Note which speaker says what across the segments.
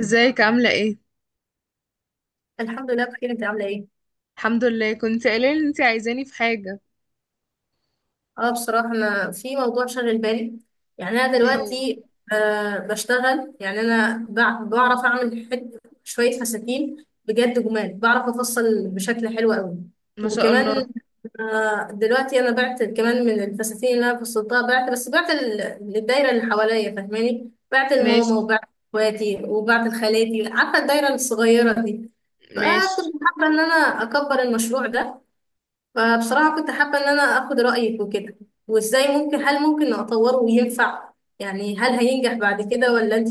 Speaker 1: ازيك عاملة ايه؟
Speaker 2: الحمد لله بخير. انت عامله ايه؟
Speaker 1: الحمد لله، كنت قايلة ان انتي عايزاني في حاجة.
Speaker 2: اه بصراحه انا في موضوع شاغل بالي. يعني انا
Speaker 1: ايه هو؟
Speaker 2: دلوقتي بشتغل. يعني انا بعرف اعمل حت شويه فساتين بجد جمال. بعرف افصل بشكل حلو قوي.
Speaker 1: ما شاء الله.
Speaker 2: وكمان دلوقتي انا بعت كمان من الفساتين اللي انا فصلتها. بعت، بس بعت للدايره اللي حواليا، فاهماني؟ بعت
Speaker 1: ماشي.
Speaker 2: لماما وبعت اخواتي وبعت لخالاتي، عارفه الدايره الصغيره دي.
Speaker 1: ماشي.
Speaker 2: فكنت حابه ان انا اكبر المشروع ده. فبصراحة كنت حابة إن أنا أخد رأيك وكده، وإزاي هل ممكن أطوره وينفع. يعني هل هينجح بعد كده، ولا أنت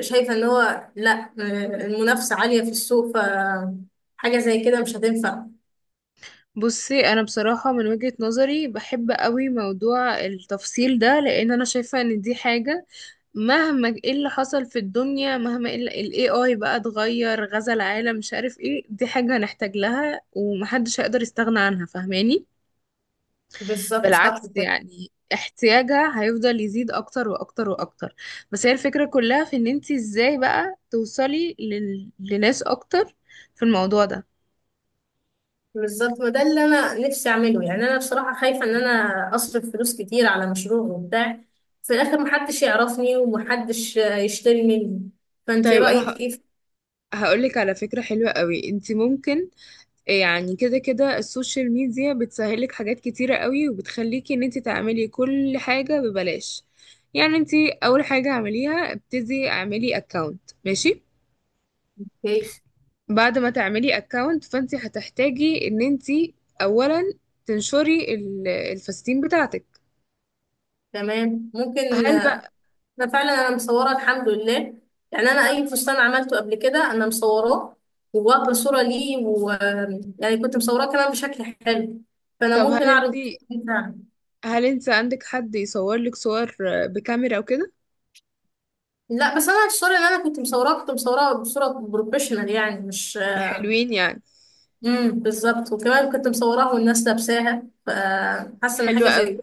Speaker 2: شايفة إن هو لأ؟ المنافسة عالية في السوق، فحاجة زي كده مش هتنفع.
Speaker 1: بصي، انا بصراحة من وجهة نظري بحب قوي موضوع التفصيل ده لان انا شايفة ان دي حاجة مهما ايه اللي حصل في الدنيا، مهما ال AI بقى اتغير، غزا العالم مش عارف ايه، دي حاجة هنحتاج لها ومحدش هيقدر يستغنى عنها، فاهماني؟
Speaker 2: بالظبط صح
Speaker 1: بالعكس،
Speaker 2: كده.
Speaker 1: يعني احتياجها هيفضل يزيد اكتر واكتر واكتر. بس هي الفكرة كلها في ان انت ازاي بقى توصلي لناس اكتر في الموضوع ده.
Speaker 2: بالظبط، وده اللي أنا نفسي أعمله. يعني أنا بصراحة خايفة إن أنا أصرف فلوس كتير على مشروع وبتاع، في الآخر محدش يعرفني ومحدش يشتري مني. فأنت
Speaker 1: طيب انا
Speaker 2: رأيك إيه؟
Speaker 1: هقولك على فكرة حلوة قوي، انت ممكن يعني كده كده السوشيال ميديا بتسهلك حاجات كتيرة قوي وبتخليكي ان انت تعملي كل حاجة ببلاش. يعني انت اول حاجة اعمليها ابتدي اعملي اكاونت، ماشي.
Speaker 2: الكيس؟
Speaker 1: بعد ما تعملي اكونت فانت هتحتاجي ان انت اولا تنشري الفساتين بتاعتك.
Speaker 2: تمام، ممكن.
Speaker 1: هل بقى؟
Speaker 2: ده فعلا انا مصوره الحمد لله. يعني انا اي فستان عملته قبل كده انا مصوراه وواخده صوره ليه، و يعني كنت مصوراه كمان بشكل حلو. فانا
Speaker 1: طب
Speaker 2: ممكن
Speaker 1: هل انت،
Speaker 2: اعرض الصورة دي فعلا.
Speaker 1: هل انت عندك حد يصور لك صور بكاميرا وكده؟
Speaker 2: لا، بس انا الصوره اللي انا كنت مصوراه بصوره بروفيشنال. يعني مش
Speaker 1: حلوين يعني.
Speaker 2: بالظبط، وكمان كنت مصوراها والناس لابساها، فحاسه ان حاجه
Speaker 1: حلوة
Speaker 2: زي.
Speaker 1: قوي.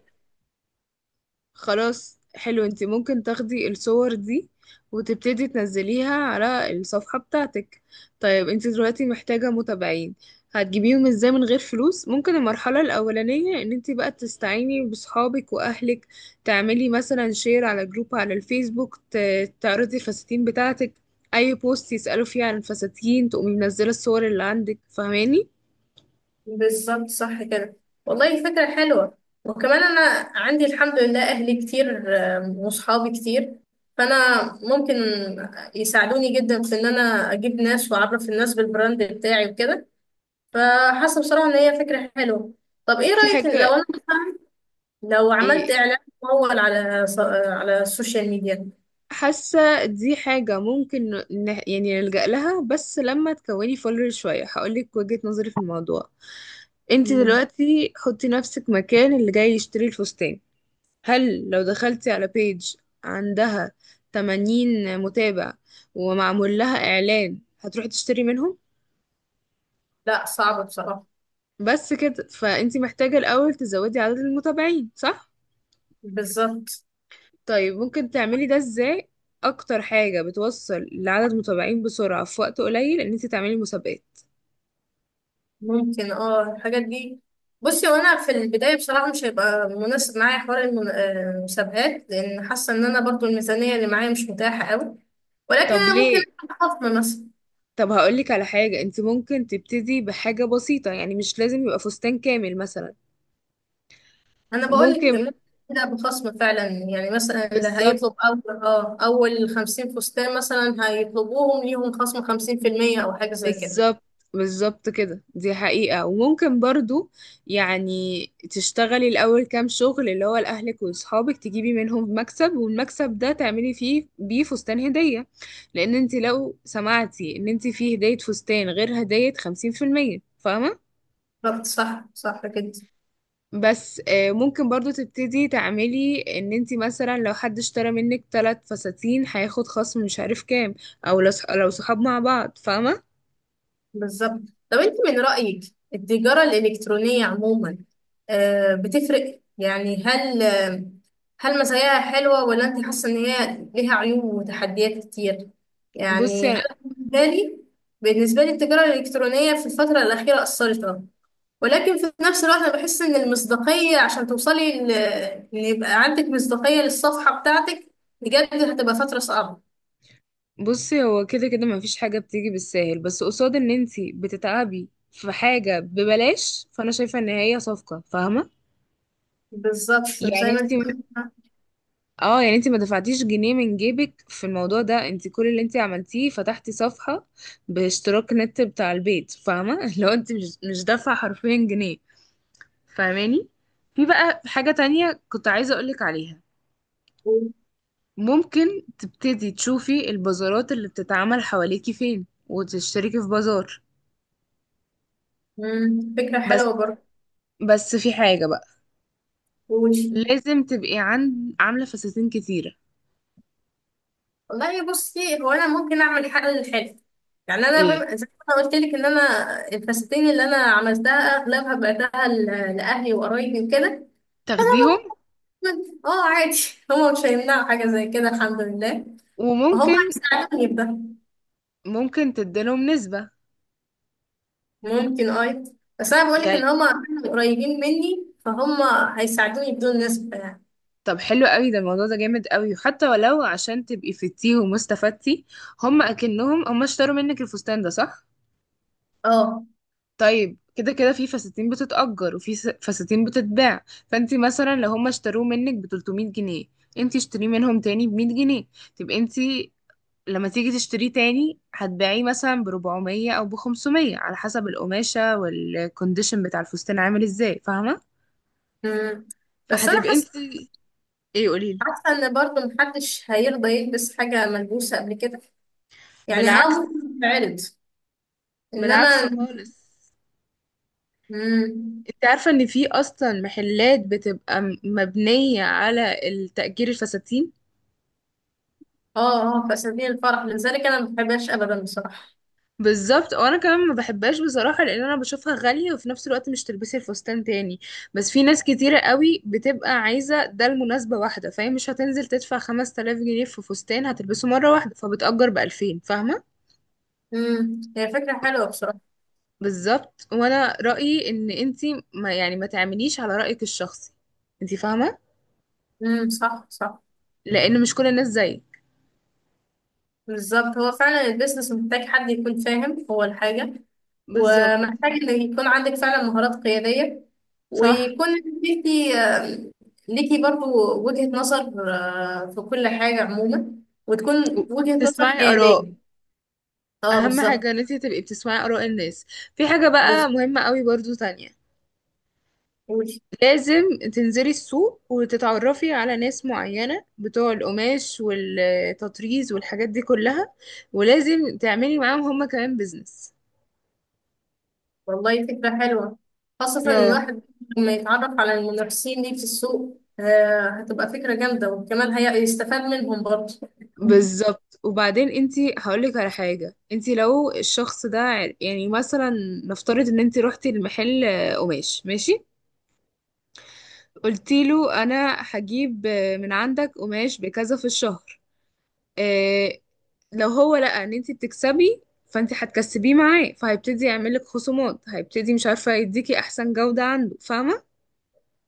Speaker 1: خلاص حلو، انت ممكن تاخدي الصور دي وتبتدي تنزليها على الصفحة بتاعتك. طيب انت دلوقتي محتاجة متابعين، هتجيبيهم ازاي من غير فلوس؟ ممكن المرحلة الأولانية ان انت بقى تستعيني بصحابك وأهلك، تعملي مثلا شير على جروب على الفيسبوك، تعرضي الفساتين بتاعتك. أي بوست يسألوا فيه عن الفساتين تقومي منزلة الصور اللي عندك، فاهماني؟
Speaker 2: بالظبط صح كده. والله فكرة حلوة. وكمان أنا عندي الحمد لله أهلي كتير وصحابي كتير. فأنا ممكن يساعدوني جدا في إن أنا أجيب ناس وأعرف الناس بالبراند بتاعي وكده. فحاسة بصراحة إن هي فكرة حلوة. طب إيه
Speaker 1: في
Speaker 2: رأيك لو
Speaker 1: حاجة،
Speaker 2: أنا مثلاً لو
Speaker 1: إيه،
Speaker 2: عملت إعلان ممول على السوشيال ميديا؟
Speaker 1: حاسة دي حاجة ممكن يعني نلجأ لها، بس لما تكوني فولر شوية هقولك وجهة نظري في الموضوع. انت
Speaker 2: مم.
Speaker 1: دلوقتي حطي نفسك مكان اللي جاي يشتري الفستان، هل لو دخلتي على بيج عندها 80 متابع ومعمول لها إعلان هتروحي تشتري منهم؟
Speaker 2: لا، صعب بصراحة.
Speaker 1: بس كده، فانت محتاجة الأول تزودي عدد المتابعين، صح؟
Speaker 2: بالظبط.
Speaker 1: طيب ممكن تعملي ده ازاي؟ أكتر حاجة بتوصل لعدد متابعين بسرعة في وقت قليل إن انت تعملي مسابقات.
Speaker 2: ممكن الحاجات دي. بصي، وانا في البدايه بصراحه مش هيبقى مناسب معايا حوار المسابقات، لان حاسه ان انا برضو الميزانيه اللي معايا مش متاحه قوي. ولكن
Speaker 1: طب
Speaker 2: انا ممكن
Speaker 1: ليه؟
Speaker 2: اخد خصم مثلا.
Speaker 1: طب هقولك على حاجة، انت ممكن تبتدي بحاجة بسيطة، يعني مش لازم يبقى فستان كامل مثلا.
Speaker 2: انا بقول
Speaker 1: ممكن.
Speaker 2: لك ممكن ابدا بخصم فعلا. يعني مثلا اللي
Speaker 1: بالظبط.
Speaker 2: هيطلب اول 50 فستان مثلا هيطلبوهم، ليهم خصم 50% او حاجه زي كده.
Speaker 1: بالظبط. بالظبط كده، دي حقيقة. وممكن برضو يعني تشتغلي الأول كام شغل اللي هو لأهلك وأصحابك تجيبي منهم مكسب، والمكسب ده تعملي فيه بيه فستان هدية، لأن انت لو سمعتي ان انت فيه هدية فستان غير هدية 50%، فاهمة؟
Speaker 2: بالظبط صح صح كده.
Speaker 1: بس ممكن برضو تبتدي تعملي ان انتي مثلا لو حد اشترى منك 3 فساتين هياخد خصم مش عارف كام، او لو صحاب مع بعض، فاهمة؟
Speaker 2: بالظبط. طب انت من رأيك التجارة الإلكترونية عموما بتفرق؟ يعني هل هل مزاياها حلوة، ولا انت حاسة ان هي ليها عيوب وتحديات كتير؟ يعني
Speaker 1: بصي
Speaker 2: انا بالنسبة لي، التجارة الإلكترونية في الفترة الأخيرة أثرت اه ولكن في نفس الوقت انا بحس ان المصداقية، عشان توصلي ان يبقى عندك مصداقية للصفحة بتاعتك، بجد هتبقى فترة صعبة.
Speaker 1: بصي هو كده كده مفيش حاجة بتيجي بالساهل، بس قصاد ان انتي بتتعبي في حاجة ببلاش فانا شايفة ان هي صفقة، فاهمة؟
Speaker 2: بالظبط،
Speaker 1: يعني
Speaker 2: زي ما انت
Speaker 1: انتي
Speaker 2: قلت.
Speaker 1: اه يعني انتي ما دفعتيش جنيه من جيبك في الموضوع ده، انتي كل اللي انتي عملتيه فتحتي صفحة باشتراك نت بتاع البيت، فاهمة؟ لو انتي مش دافعة حرفيا جنيه. فاهماني؟ في بقى حاجة تانية كنت عايزة أقولك عليها، ممكن تبتدي تشوفي البازارات اللي بتتعمل حواليكي فين وتشتركي في بازار.
Speaker 2: فكرة
Speaker 1: بس،
Speaker 2: حلوة برضه.
Speaker 1: في حاجة بقى،
Speaker 2: قولي.
Speaker 1: لازم تبقي عند عاملة فساتين كتيرة.
Speaker 2: والله بصي، هو انا ممكن اعمل حاجه للحلو. يعني انا
Speaker 1: ايه؟
Speaker 2: زي ما انا قلت لك ان انا الفساتين اللي انا عملتها اغلبها بعتها لاهلي وقرايبي وكده. فانا
Speaker 1: تاخديهم.
Speaker 2: ممكن عادي. هما مش هيمنعوا حاجه زي كده، الحمد لله. وهم
Speaker 1: وممكن
Speaker 2: هيساعدوني بده.
Speaker 1: ممكن تديلهم نسبة
Speaker 2: ممكن اه بس انا بقول لك
Speaker 1: يعني.
Speaker 2: ان هما كانوا قريبين مني، فهم هيساعدوني بدون نسبه يعني.
Speaker 1: طب حلو قوي ده، الموضوع ده جامد قوي، وحتى ولو عشان تبقي فتيه ومستفدتي هم اكنهم هم اشتروا منك الفستان ده، صح.
Speaker 2: اه.
Speaker 1: طيب كده كده في فساتين بتتأجر وفي فساتين بتتباع، فانت مثلا لو هم اشتروه منك ب 300 جنيه، انت اشتريه منهم تاني ب 100 جنيه. تبقى انت لما تيجي تشتريه تاني هتبيعيه مثلا ب 400 او ب 500 على حسب القماشة والكونديشن بتاع الفستان عامل ازاي، فاهمة؟
Speaker 2: أمم. بس انا
Speaker 1: فهتبقى انت.
Speaker 2: حاسه
Speaker 1: ايه قوليلي.
Speaker 2: حاسه ان برضه محدش هيرضى يلبس حاجه ملبوسه قبل كده. يعني
Speaker 1: بالعكس.
Speaker 2: ممكن تتعرض، انما
Speaker 1: بالعكس خالص.
Speaker 2: مم.
Speaker 1: انت عارفة ان في اصلا محلات بتبقى مبنية على التأجير الفساتين.
Speaker 2: اه اه، في اساليب الفرح، لذلك انا ما بحبهاش ابدا بصراحه.
Speaker 1: بالظبط، وانا كمان ما بحبهاش بصراحه، لان انا بشوفها غاليه وفي نفس الوقت مش تلبسي الفستان تاني. بس في ناس كتيره قوي بتبقى عايزه ده لمناسبه واحده، فهي مش هتنزل تدفع 5000 جنيه في فستان هتلبسه مره واحده، فبتأجر ب 2000، فاهمه؟
Speaker 2: هي فكره حلوه بصراحه.
Speaker 1: بالظبط، وانا رأيي ان انتي ما يعني ما تعمليش على رأيك الشخصي، انتي فاهمه؟
Speaker 2: صح صح،
Speaker 1: لان مش كل الناس زيك.
Speaker 2: بالظبط. هو فعلا البيزنس محتاج حد يكون فاهم هو الحاجه،
Speaker 1: بالظبط
Speaker 2: ومحتاج ان يكون عندك فعلا مهارات قياديه،
Speaker 1: صح.
Speaker 2: ويكون ليكي آه، ليكي برضو وجهه نظر في كل حاجه عموما، وتكون وجهه نظر
Speaker 1: تسمعي آراء.
Speaker 2: حياديه. اه،
Speaker 1: اهم
Speaker 2: بالظبط.
Speaker 1: حاجه ان انتي تبقي بتسمعي آراء الناس. في حاجه
Speaker 2: بالظبط.
Speaker 1: بقى مهمه قوي برضو تانية، لازم تنزلي السوق وتتعرفي على ناس معينة بتوع القماش والتطريز والحاجات دي كلها، ولازم تعملي معاهم هما كمان بيزنس.
Speaker 2: والله فكرة حلوة، خاصة إن
Speaker 1: اه
Speaker 2: الواحد لما يتعرف على المنافسين دي في السوق هتبقى فكرة جامدة، وكمان هي يستفاد منهم برضه.
Speaker 1: بالظبط، وبعدين انتي هقولك على حاجة، انتي لو الشخص ده يعني مثلا نفترض ان انتي روحتي المحل قماش ماشي، قلتيله انا هجيب من عندك قماش بكذا في الشهر. إيه، لو هو لقى ان انت بتكسبي فانت هتكسبيه معاه فهيبتدي يعملك خصومات، هيبتدي مش عارفة يديكي احسن جودة عنده، فاهمة؟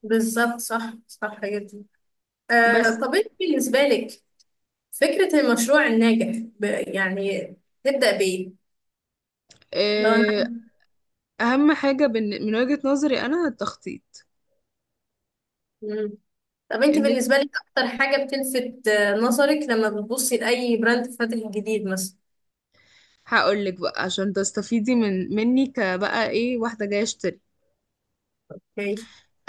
Speaker 2: بالظبط، صح صح جدا.
Speaker 1: بس
Speaker 2: طب أنت بالنسبة لك فكرة المشروع الناجح يعني تبدأ بإيه؟ لو أنا
Speaker 1: إيه، اهم حاجة من وجهة نظري انا التخطيط.
Speaker 2: مم. طب أنت
Speaker 1: ان
Speaker 2: بالنسبة لك أكتر حاجة بتلفت نظرك لما بتبصي لأي براند فاتح جديد مثلا؟
Speaker 1: هقول لك بقى عشان تستفيدي من مني كبقى ايه واحدة جاية اشتري.
Speaker 2: أوكي.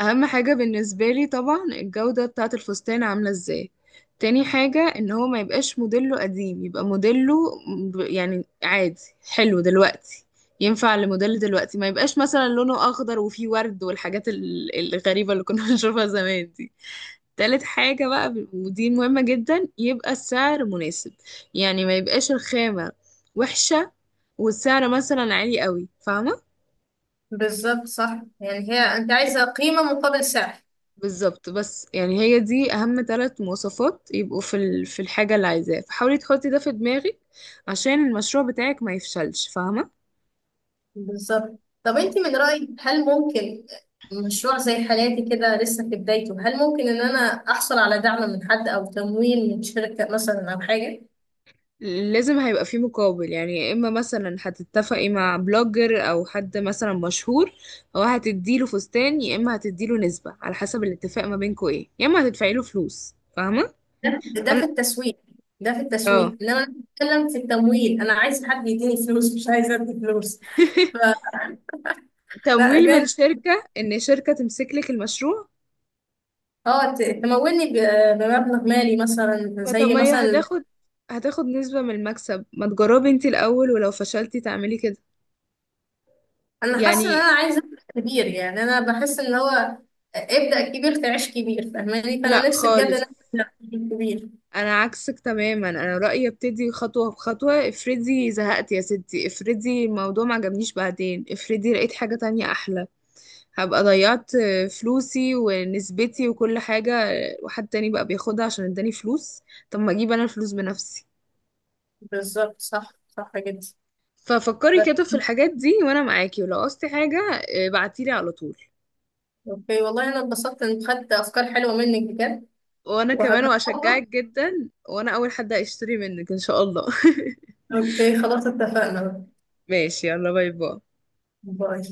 Speaker 1: اهم حاجة بالنسبة لي طبعا الجودة بتاعة الفستان عاملة ازاي. تاني حاجة ان هو ما يبقاش موديله قديم، يبقى موديله يعني عادي، حلو دلوقتي، ينفع لموديل دلوقتي، ما يبقاش مثلا لونه اخضر وفيه ورد والحاجات الغريبة اللي كنا بنشوفها زمان دي. تالت حاجة بقى ودي مهمة جدا، يبقى السعر مناسب، يعني ما يبقاش الخامة وحشة والسعر مثلا عالي قوي، فاهمة؟
Speaker 2: بالظبط صح، يعني هي أنت عايزة قيمة مقابل سعر.
Speaker 1: بالظبط، بس يعني هي دي اهم 3 مواصفات يبقوا في في الحاجه اللي عايزاها، فحاولي تحطي ده في دماغك عشان المشروع بتاعك ما يفشلش، فاهمه؟
Speaker 2: بالظبط. طب انت من رأيك هل ممكن مشروع زي حالاتي كده لسه في بدايته، هل ممكن ان انا احصل على دعم من حد او تمويل من شركة مثلا او حاجة؟
Speaker 1: لازم هيبقى فيه مقابل يعني، يا اما مثلا هتتفقي مع بلوجر او حد مثلا مشهور هو هتديله فستان، يا اما هتديله نسبه على حسب الاتفاق ما بينكوا ايه، يا اما هتدفعي له فلوس، فاهمه؟
Speaker 2: ده في
Speaker 1: أنا-
Speaker 2: التسويق ده في
Speaker 1: اه
Speaker 2: التسويق انما انا بتكلم في التمويل. انا عايز حد يديني فلوس، مش عايزه ادي فلوس. فلا
Speaker 1: تمويل من
Speaker 2: بجد.
Speaker 1: شركه، ان شركه تمسك لك المشروع.
Speaker 2: اه، تمولني بمبلغ مالي مثلا،
Speaker 1: ما طب
Speaker 2: زي
Speaker 1: ما هي
Speaker 2: مثلا.
Speaker 1: هتاخد نسبة من المكسب، ما تجربي انتي الأول ولو فشلتي تعملي كده
Speaker 2: انا حاسه ان
Speaker 1: يعني.
Speaker 2: انا عايزه أبدأ كبير. يعني انا بحس ان هو ابدأ كبير تعيش كبير، فاهماني؟
Speaker 1: لا
Speaker 2: فانا نفسي بجد ان
Speaker 1: خالص،
Speaker 2: انا ابدأ كبير.
Speaker 1: أنا عكسك تماما، أنا رأيي ابتدي خطوة بخطوة، افرضي زهقت يا ستي، افرضي الموضوع ما عجبنيش، بعدين افرضي لقيت حاجة تانية أحلى، هبقى ضيعت فلوسي ونسبتي وكل حاجة، وحد تاني بقى بياخدها عشان اداني فلوس، طب ما اجيب أنا الفلوس بنفسي.
Speaker 2: بالظبط، صح صح جدا.
Speaker 1: ففكري
Speaker 2: بس
Speaker 1: كده في الحاجات دي، وأنا معاكي، ولو قصتي حاجة اه، بعتيلي على طول.
Speaker 2: اوكي، والله انا اتبسطت ان خدت افكار حلوه منك بجد،
Speaker 1: وانا كمان
Speaker 2: وهجربها.
Speaker 1: واشجعك جدا، وانا اول حد هيشتري منك ان شاء الله
Speaker 2: اوكي خلاص، اتفقنا.
Speaker 1: ماشي، يلا باي باي.
Speaker 2: باي.